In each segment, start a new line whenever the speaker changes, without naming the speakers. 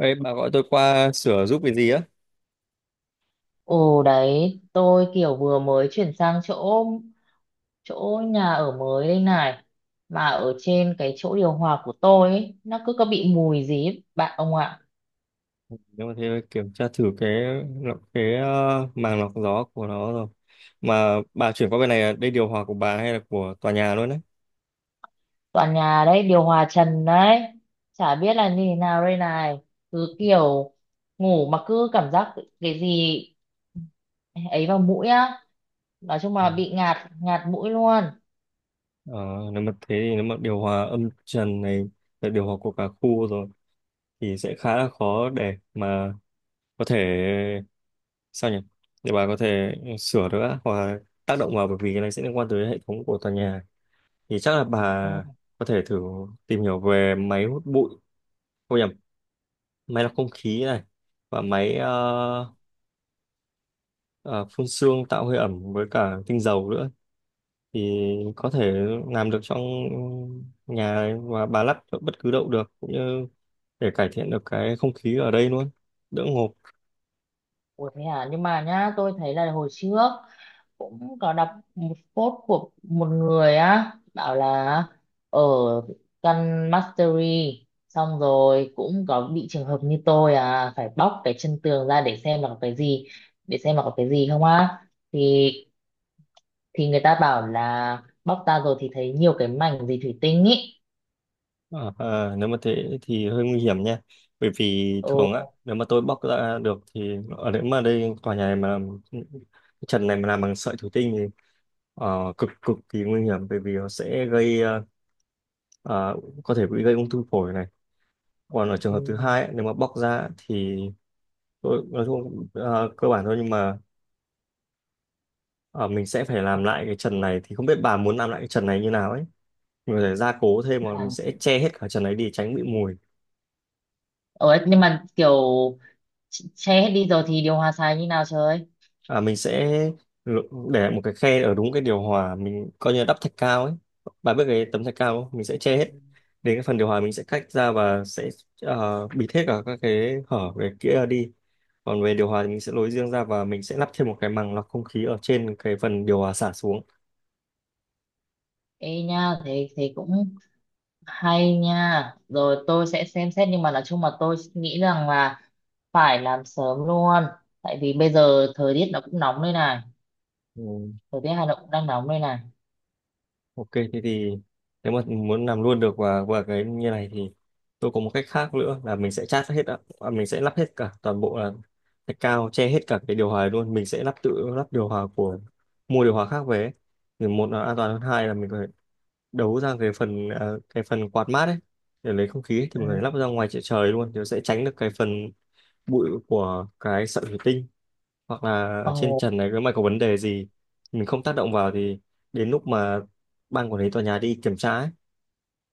Ê, bà gọi tôi qua sửa giúp cái gì á?
Ồ đấy, tôi kiểu vừa mới chuyển sang chỗ chỗ nhà ở mới đây này, mà ở trên cái chỗ điều hòa của tôi ấy, nó cứ có bị mùi gì ấy, bạn ông ạ.
Nhưng mà thế phải kiểm tra thử cái màng lọc gió của nó rồi. Mà bà chuyển qua bên này là đây điều hòa của bà hay là của tòa nhà luôn đấy?
Toàn nhà đấy điều hòa trần đấy, chả biết là như thế nào đây này. Cứ kiểu ngủ mà cứ cảm giác cái gì ấy vào mũi á, nói chung
Ừ.
là bị ngạt ngạt mũi luôn.
Ờ, Nếu mà thế thì nếu mà điều hòa âm trần này là điều hòa của cả khu rồi thì sẽ khá là khó để mà có thể sao nhỉ? Để bà có thể sửa được á, hoặc là tác động vào, bởi vì cái này sẽ liên quan tới hệ thống của tòa nhà. Thì chắc là bà
Ừ.
có thể thử tìm hiểu về máy hút bụi, không nhầm, máy lọc không khí này, và máy ờ, phun sương tạo hơi ẩm với cả tinh dầu nữa, thì có thể làm được trong nhà và bà lắp ở bất cứ đâu được, cũng như để cải thiện được cái không khí ở đây luôn, đỡ ngộp.
Ủa, thế à? Nhưng mà nhá, tôi thấy là hồi trước cũng có đọc một post của một người á, bảo là ở căn mastery xong rồi cũng có bị trường hợp như tôi, à, phải bóc cái chân tường ra để xem là có cái gì không á, thì thì người ta bảo là bóc ra rồi thì thấy nhiều cái mảnh gì thủy tinh ý.
Nếu mà thế thì hơi nguy hiểm nha, bởi vì thường á,
Ồ.
nếu mà tôi bóc ra được thì, ở, nếu mà đây tòa nhà này mà trần này mà làm bằng sợi thủy tinh thì cực cực kỳ nguy hiểm, bởi vì nó sẽ gây ờ, à, có thể bị gây ung thư phổi này. Còn ở trường hợp thứ
ừm,
hai ấy, nếu mà bóc ra thì tôi nói chung à, cơ bản thôi, nhưng mà à, mình sẽ phải
Khó
làm lại cái trần này, thì không biết bà muốn làm lại cái trần này như nào ấy. Mình có thể gia cố thêm, hoặc là mình
làm.
sẽ che hết cả trần ấy đi tránh bị mùi.
Ồ, nhưng mà kiểu che hết đi rồi thì điều hòa xài như nào trời.
À, mình sẽ l- để một cái khe ở đúng cái điều hòa, mình coi như là đắp thạch cao ấy. Bà biết cái tấm thạch cao không? Mình sẽ che hết, đến cái phần điều hòa mình sẽ cách ra và sẽ à, bịt hết cả các cái hở về kia đi. Còn về điều hòa thì mình sẽ lối riêng ra, và mình sẽ lắp thêm một cái màng lọc không khí ở trên cái phần điều hòa xả xuống.
Ê nha, thì cũng hay nha, rồi tôi sẽ xem xét, nhưng mà nói chung mà tôi nghĩ rằng là phải làm sớm luôn, tại vì bây giờ thời tiết nó cũng nóng đây này.
Ừ.
Thời tiết Hà Nội cũng đang nóng đây này.
Ok, thế thì nếu mà muốn làm luôn được và cái như này thì tôi có một cách khác nữa, là mình sẽ chát hết ạ, à, mình sẽ lắp hết cả toàn bộ là cái cao che hết cả cái điều hòa luôn, mình sẽ tự lắp điều hòa của, mua điều hòa khác về ấy. Thì một là an toàn hơn, hai là mình phải đấu ra cái phần quạt mát ấy, để lấy không khí ấy, thì
Ừ.
mình phải lắp ra ngoài trời trời luôn, thì nó sẽ tránh được cái phần bụi của cái sợi thủy tinh, hoặc là ở trên
Ồ,
trần này nếu mà có vấn đề gì mình không tác động vào thì đến lúc mà ban quản lý tòa nhà đi kiểm tra ấy,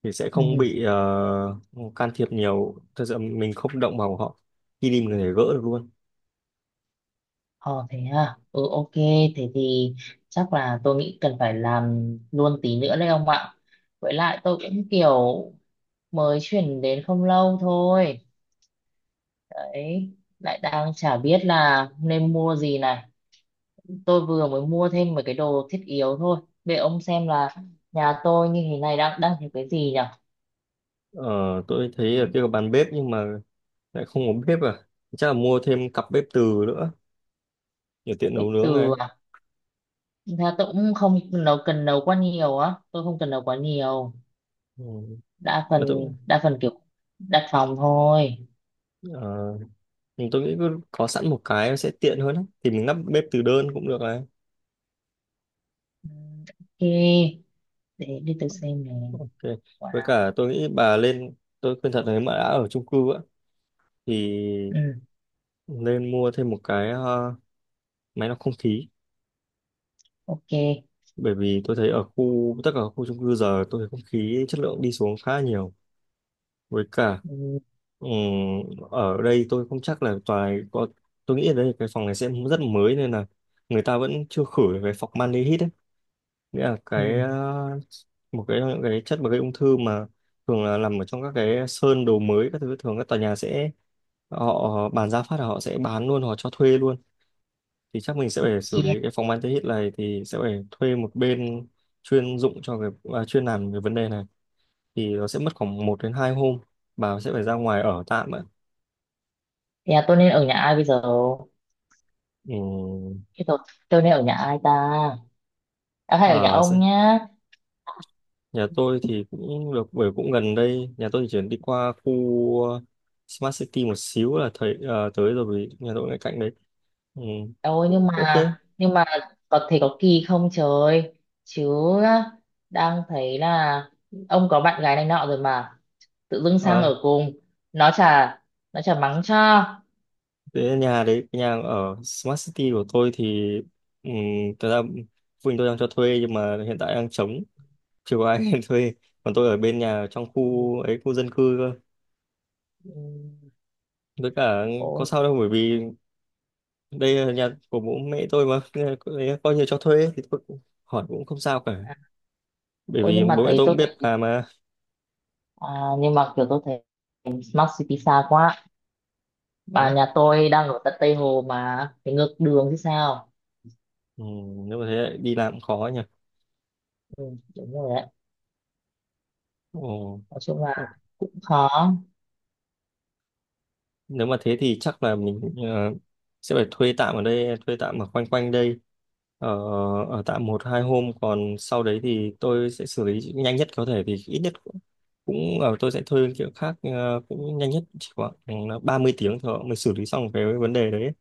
thì sẽ không
ừ.
bị can thiệp nhiều. Thật sự mình không động vào của họ, khi đi mình có thể gỡ được luôn.
Ồ, thế à? Ừ, ok, thế thì chắc là tôi nghĩ cần phải làm luôn tí nữa đấy ông ạ, với lại tôi cũng kiểu mới chuyển đến không lâu thôi đấy, lại đang chả biết là nên mua gì này. Tôi vừa mới mua thêm mấy cái đồ thiết yếu thôi để ông xem là nhà tôi như thế này đang đang thiếu cái gì nhỉ.
Ờ, tôi thấy ở kia có bàn bếp nhưng mà lại không có bếp à, chắc là mua thêm cặp bếp từ nữa để tiện nấu
Cái
nướng này.
từ à? Thật ra tôi cũng không cần nấu quá nhiều á, tôi không cần nấu quá nhiều.
Ừ.
đa phần
mà tôi
đa phần kiểu đặt phòng thôi.
ờ, nhưng tôi nghĩ cứ có sẵn một cái sẽ tiện hơn ấy. Thì mình lắp bếp từ đơn cũng được này.
Ừ, ok, để đi tôi xem này
Ok.
quả
Với
nào.
cả tôi nghĩ bà lên, tôi khuyên thật, nếu mà đã ở chung cư á thì
Ừ,
nên mua thêm một cái máy lọc không khí,
ok.
bởi vì tôi thấy ở khu, tất cả các khu chung cư giờ tôi thấy không khí chất lượng đi xuống khá là nhiều. Với cả
Ừ,
ừm, ở đây tôi không chắc là tòa này có, tôi nghĩ ở đây cái phòng này sẽ rất mới, nên là người ta vẫn chưa khử được cái formaldehyde ấy. Nghĩa là
ừ.
một cái, những cái chất mà gây ung thư, mà thường là nằm ở trong các cái sơn đồ mới các thứ. Thường các tòa nhà sẽ, họ bán giá phát là họ sẽ bán luôn, họ cho thuê luôn. Thì chắc mình sẽ phải xử
Yeah.
lý cái phòng anti-hit này, thì sẽ phải thuê một bên chuyên dụng cho cái, à, chuyên làm về vấn đề này, thì nó sẽ mất khoảng 1 đến 2 hôm, bà sẽ phải ra ngoài ở tạm ạ.
Thì à, tôi nên ở nhà ai bây giờ? Thế tôi nên ở nhà ai ta? À, hay ở nhà
Ừ.
ông nhá.
Nhà tôi thì cũng được, bởi cũng gần đây, nhà tôi thì chuyển đi qua khu Smart City một xíu là thấy tới rồi, vì nhà tôi ngay cạnh đấy. Ừ.
Ôi, nhưng
Cũng ok.
mà nhưng mà có thể có kỳ không trời? Chứ đang thấy là ông có bạn gái này nọ rồi mà tự dưng sang
Ờ,
ở cùng, nó chả nó chả mắng cho.
thế nhà đấy, nhà ở Smart City của tôi thì um, thật ra phụ huynh tôi đang cho thuê, nhưng mà hiện tại đang trống, chưa có ai thuê. Còn tôi ở bên nhà trong
Ừ,
khu ấy, khu dân cư cơ.
ừ,
Với cả có
ôi,
sao đâu, bởi vì đây là nhà của bố mẹ tôi mà, nên là coi coi như cho thuê thì tôi cũng hỏi cũng không sao cả.
à,
Bởi
ôi,
vì
nhưng mà
bố mẹ
thấy
tôi cũng
tôi
biết
thấy
làm mà.
à, nhưng mà kiểu tôi thấy Smart City xa quá, bà
Ừ.
nhà tôi đang ở tận Tây Hồ mà phải ngược đường chứ sao.
Ừ. Nếu mà thế lại đi làm cũng khó nhỉ.
Ừ, đúng rồi đấy,
Ồ.
nói chung là
Ờ,
cũng khó.
nếu mà thế thì chắc là mình sẽ phải thuê tạm ở đây, thuê tạm ở quanh quanh đây, ở ở tạm một hai hôm, còn sau đấy thì tôi sẽ xử lý nhanh nhất có thể, thì ít nhất cũng cũng ở tôi sẽ thuê kiểu khác, cũng nhanh nhất chỉ khoảng 30 tiếng thôi mình xử lý xong cái vấn đề đấy.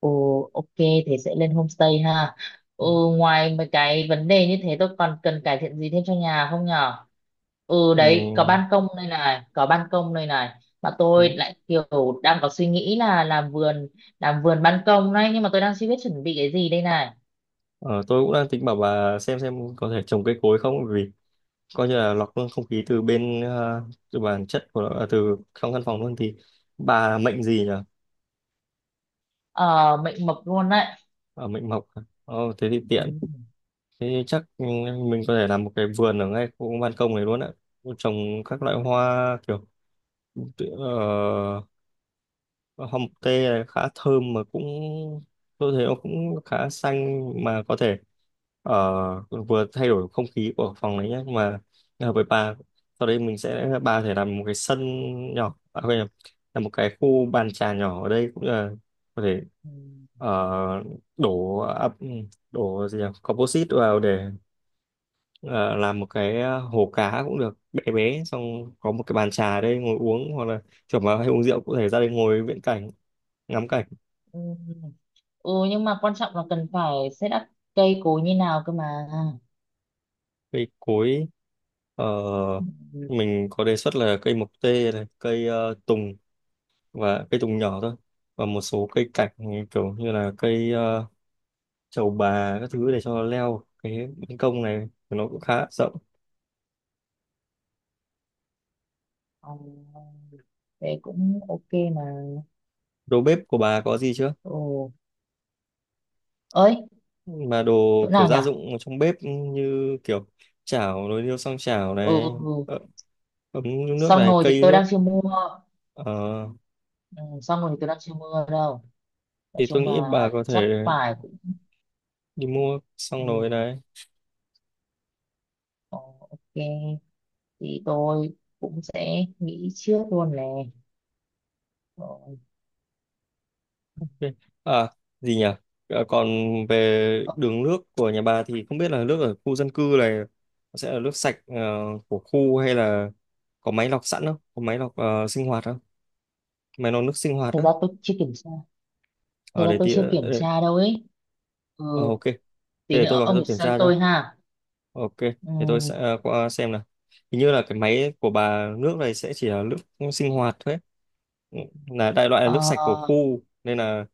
Ồ, ok, thì sẽ lên homestay ha.
Ừ.
Ừ, ngoài mấy cái vấn đề như thế tôi còn cần cải thiện gì thêm cho nhà không nhở? Ừ
Ừ.
đấy, có ban công đây này, có ban công đây này. Mà tôi
Ừ.
lại kiểu đang có suy nghĩ là làm vườn ban công đấy, nhưng mà tôi đang chưa biết chuẩn bị cái gì đây này.
Ờ, tôi cũng đang tính bảo bà xem có thể trồng cây cối không, vì coi như là lọc không khí từ bản chất của nó, à, từ trong căn phòng luôn. Thì bà mệnh gì nhỉ?
Ờ, mệnh mập luôn đấy.
À, mệnh mộc à? Ồ, thế thì
Ừ.
tiện. Thế thì chắc ừ, mình có thể làm một cái vườn ở ngay khu ban công này luôn á, trồng các loại hoa kiểu tự- ờ, hồng tê này khá thơm, mà cũng tôi thấy nó cũng khá xanh, mà có thể vừa thay đổi không khí của phòng đấy nhé, mà hợp với bà. Sau đây mình sẽ, bà có thể làm một cái sân nhỏ, à, quên nhầm, là một cái khu bàn trà nhỏ ở đây, cũng là có thể
Ừ.
ờ, đổ ập, đổ gì nhỉ, composite vào để ờ, làm một cái hồ cá cũng được, bé bé, xong có một cái bàn trà ở đây ngồi uống, hoặc là chuẩn mà, hay uống rượu cũng có thể ra đây ngồi viễn cảnh, ngắm cảnh.
Ừ. Ừ, nhưng mà quan trọng là cần phải set up cây cối như nào cơ mà.
Cây cối, ờ,
Ừ. Ừ.
mình có đề xuất là cây mộc tê này, cây tùng, và cây tùng nhỏ thôi, và một số cây cảnh kiểu như là cây trầu bà các thứ để cho leo, cái ban công này nó cũng khá rộng.
Ờ, thế cũng ok mà.
Đồ bếp của bà có gì chưa,
Ồ, ơi,
mà đồ
chỗ
kiểu
nào nhỉ?
gia dụng ở trong bếp như kiểu chảo, nồi niêu xoong chảo
Ừ,
này,
ừ.
ờ, ấm nước
Xong
này,
rồi thì
cây
tôi đang
nước.
chưa mua.
Ờ,
Ừ, xong rồi thì tôi đang chưa mua đâu. Nói
thì tôi
chung
nghĩ bà
là
có
chắc
thể
phải cũng
đi mua
ừ,
xong rồi này.
ờ, ok, thì tôi cũng sẽ nghĩ trước luôn nè. Ờ,
Ok. À, gì nhỉ? À, còn về
ờ,
đường nước của nhà bà, thì không biết là nước ở khu dân cư này nó sẽ là nước sạch của khu, hay là có máy lọc sẵn không? Có máy lọc sinh hoạt không? Máy lọc nước sinh hoạt
thật
á?
ra tôi chưa kiểm tra. Thật
Ở
ra
để
tôi
tí
chưa kiểm tra đâu ấy. Ừ,
ok. Thế
tí
để tôi
nữa
vào cái
ông
tôi
kiểm
kiểm
tra cho
tra cho.
tôi ha.
Ok.
Ừ,
Để tôi sẽ qua xem nào. Hình như là cái máy của bà, nước này sẽ chỉ là nước sinh hoạt thôi ấy. Là đại loại là
ờ,
nước sạch của khu, nên là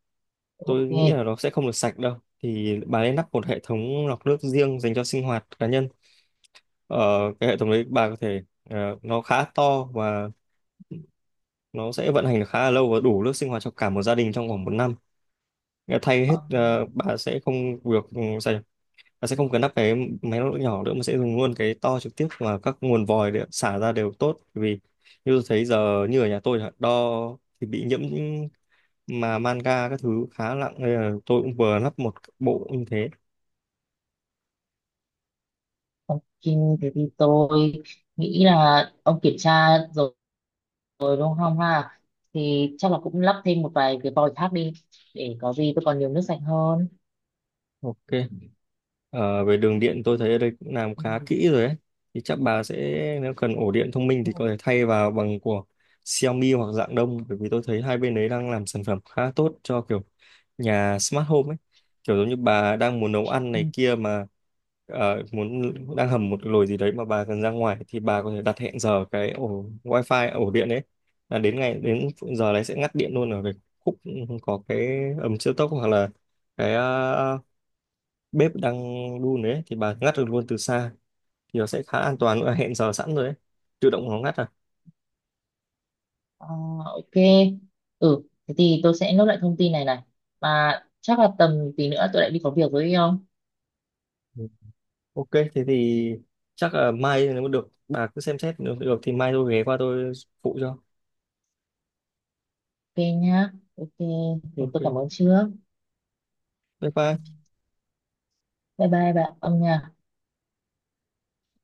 tôi nghĩ
ok.
là nó sẽ không được sạch đâu. Thì bà nên lắp một hệ thống lọc nước riêng dành cho sinh hoạt cá nhân. ờ, cái hệ thống đấy bà có thể, nó khá to, và nó sẽ vận hành được khá là lâu, và đủ nước sinh hoạt cho cả một gia đình trong vòng một năm. Nghĩa là thay hết,
Ờ,
bà sẽ không được, ừ, sao nhỉ? Bà sẽ không cần lắp cái máy lọc nước nhỏ nữa mà sẽ dùng luôn cái to, trực tiếp và các nguồn vòi để xả ra đều tốt. Bởi vì như tôi thấy giờ, như ở nhà tôi chẳng hạn, đo thì bị nhiễm mà manga các thứ khá nặng, nên là tôi cũng vừa lắp một bộ như thế.
ok, thế thì tôi nghĩ là ông kiểm tra rồi rồi đúng không ha, thì chắc là cũng lắp thêm một vài cái vòi khác đi để có gì tôi còn nhiều nước sạch hơn.
Ok. Ờ, về đường điện tôi thấy ở đây cũng làm
Ừ.
khá kỹ rồi ấy. Thì chắc bà sẽ, nếu cần ổ điện thông minh
Ừ.
thì có thể thay vào bằng của Xiaomi hoặc dạng đông, bởi vì tôi thấy hai bên đấy đang làm sản phẩm khá tốt cho kiểu nhà smart home ấy. Kiểu giống như bà đang muốn nấu ăn
Ừ.
này kia mà, muốn, đang hầm một nồi gì đấy mà bà cần ra ngoài, thì bà có thể đặt hẹn giờ cái ổ wifi, ổ điện đấy, là đến ngày đến giờ đấy sẽ ngắt điện luôn ở cái khúc có cái ấm siêu tốc, hoặc là cái bếp đang đun đấy, thì bà ngắt được luôn từ xa, thì nó sẽ khá an toàn nữa, hẹn giờ sẵn rồi đấy tự động nó ngắt à.
Ờ, ok, ừ, thế thì tôi sẽ nốt lại thông tin này này, mà chắc là tầm tí nữa tôi lại đi có việc với ông.
Ừ. Ok thế thì chắc là mai nếu mà được, bà cứ xem xét, nếu được thì mai tôi ghé qua tôi phụ cho.
Ok nhá, ok, thì
Ok,
tôi cảm ơn trước.
bye
Ừ,
bye.
bye bye bạn ông nha.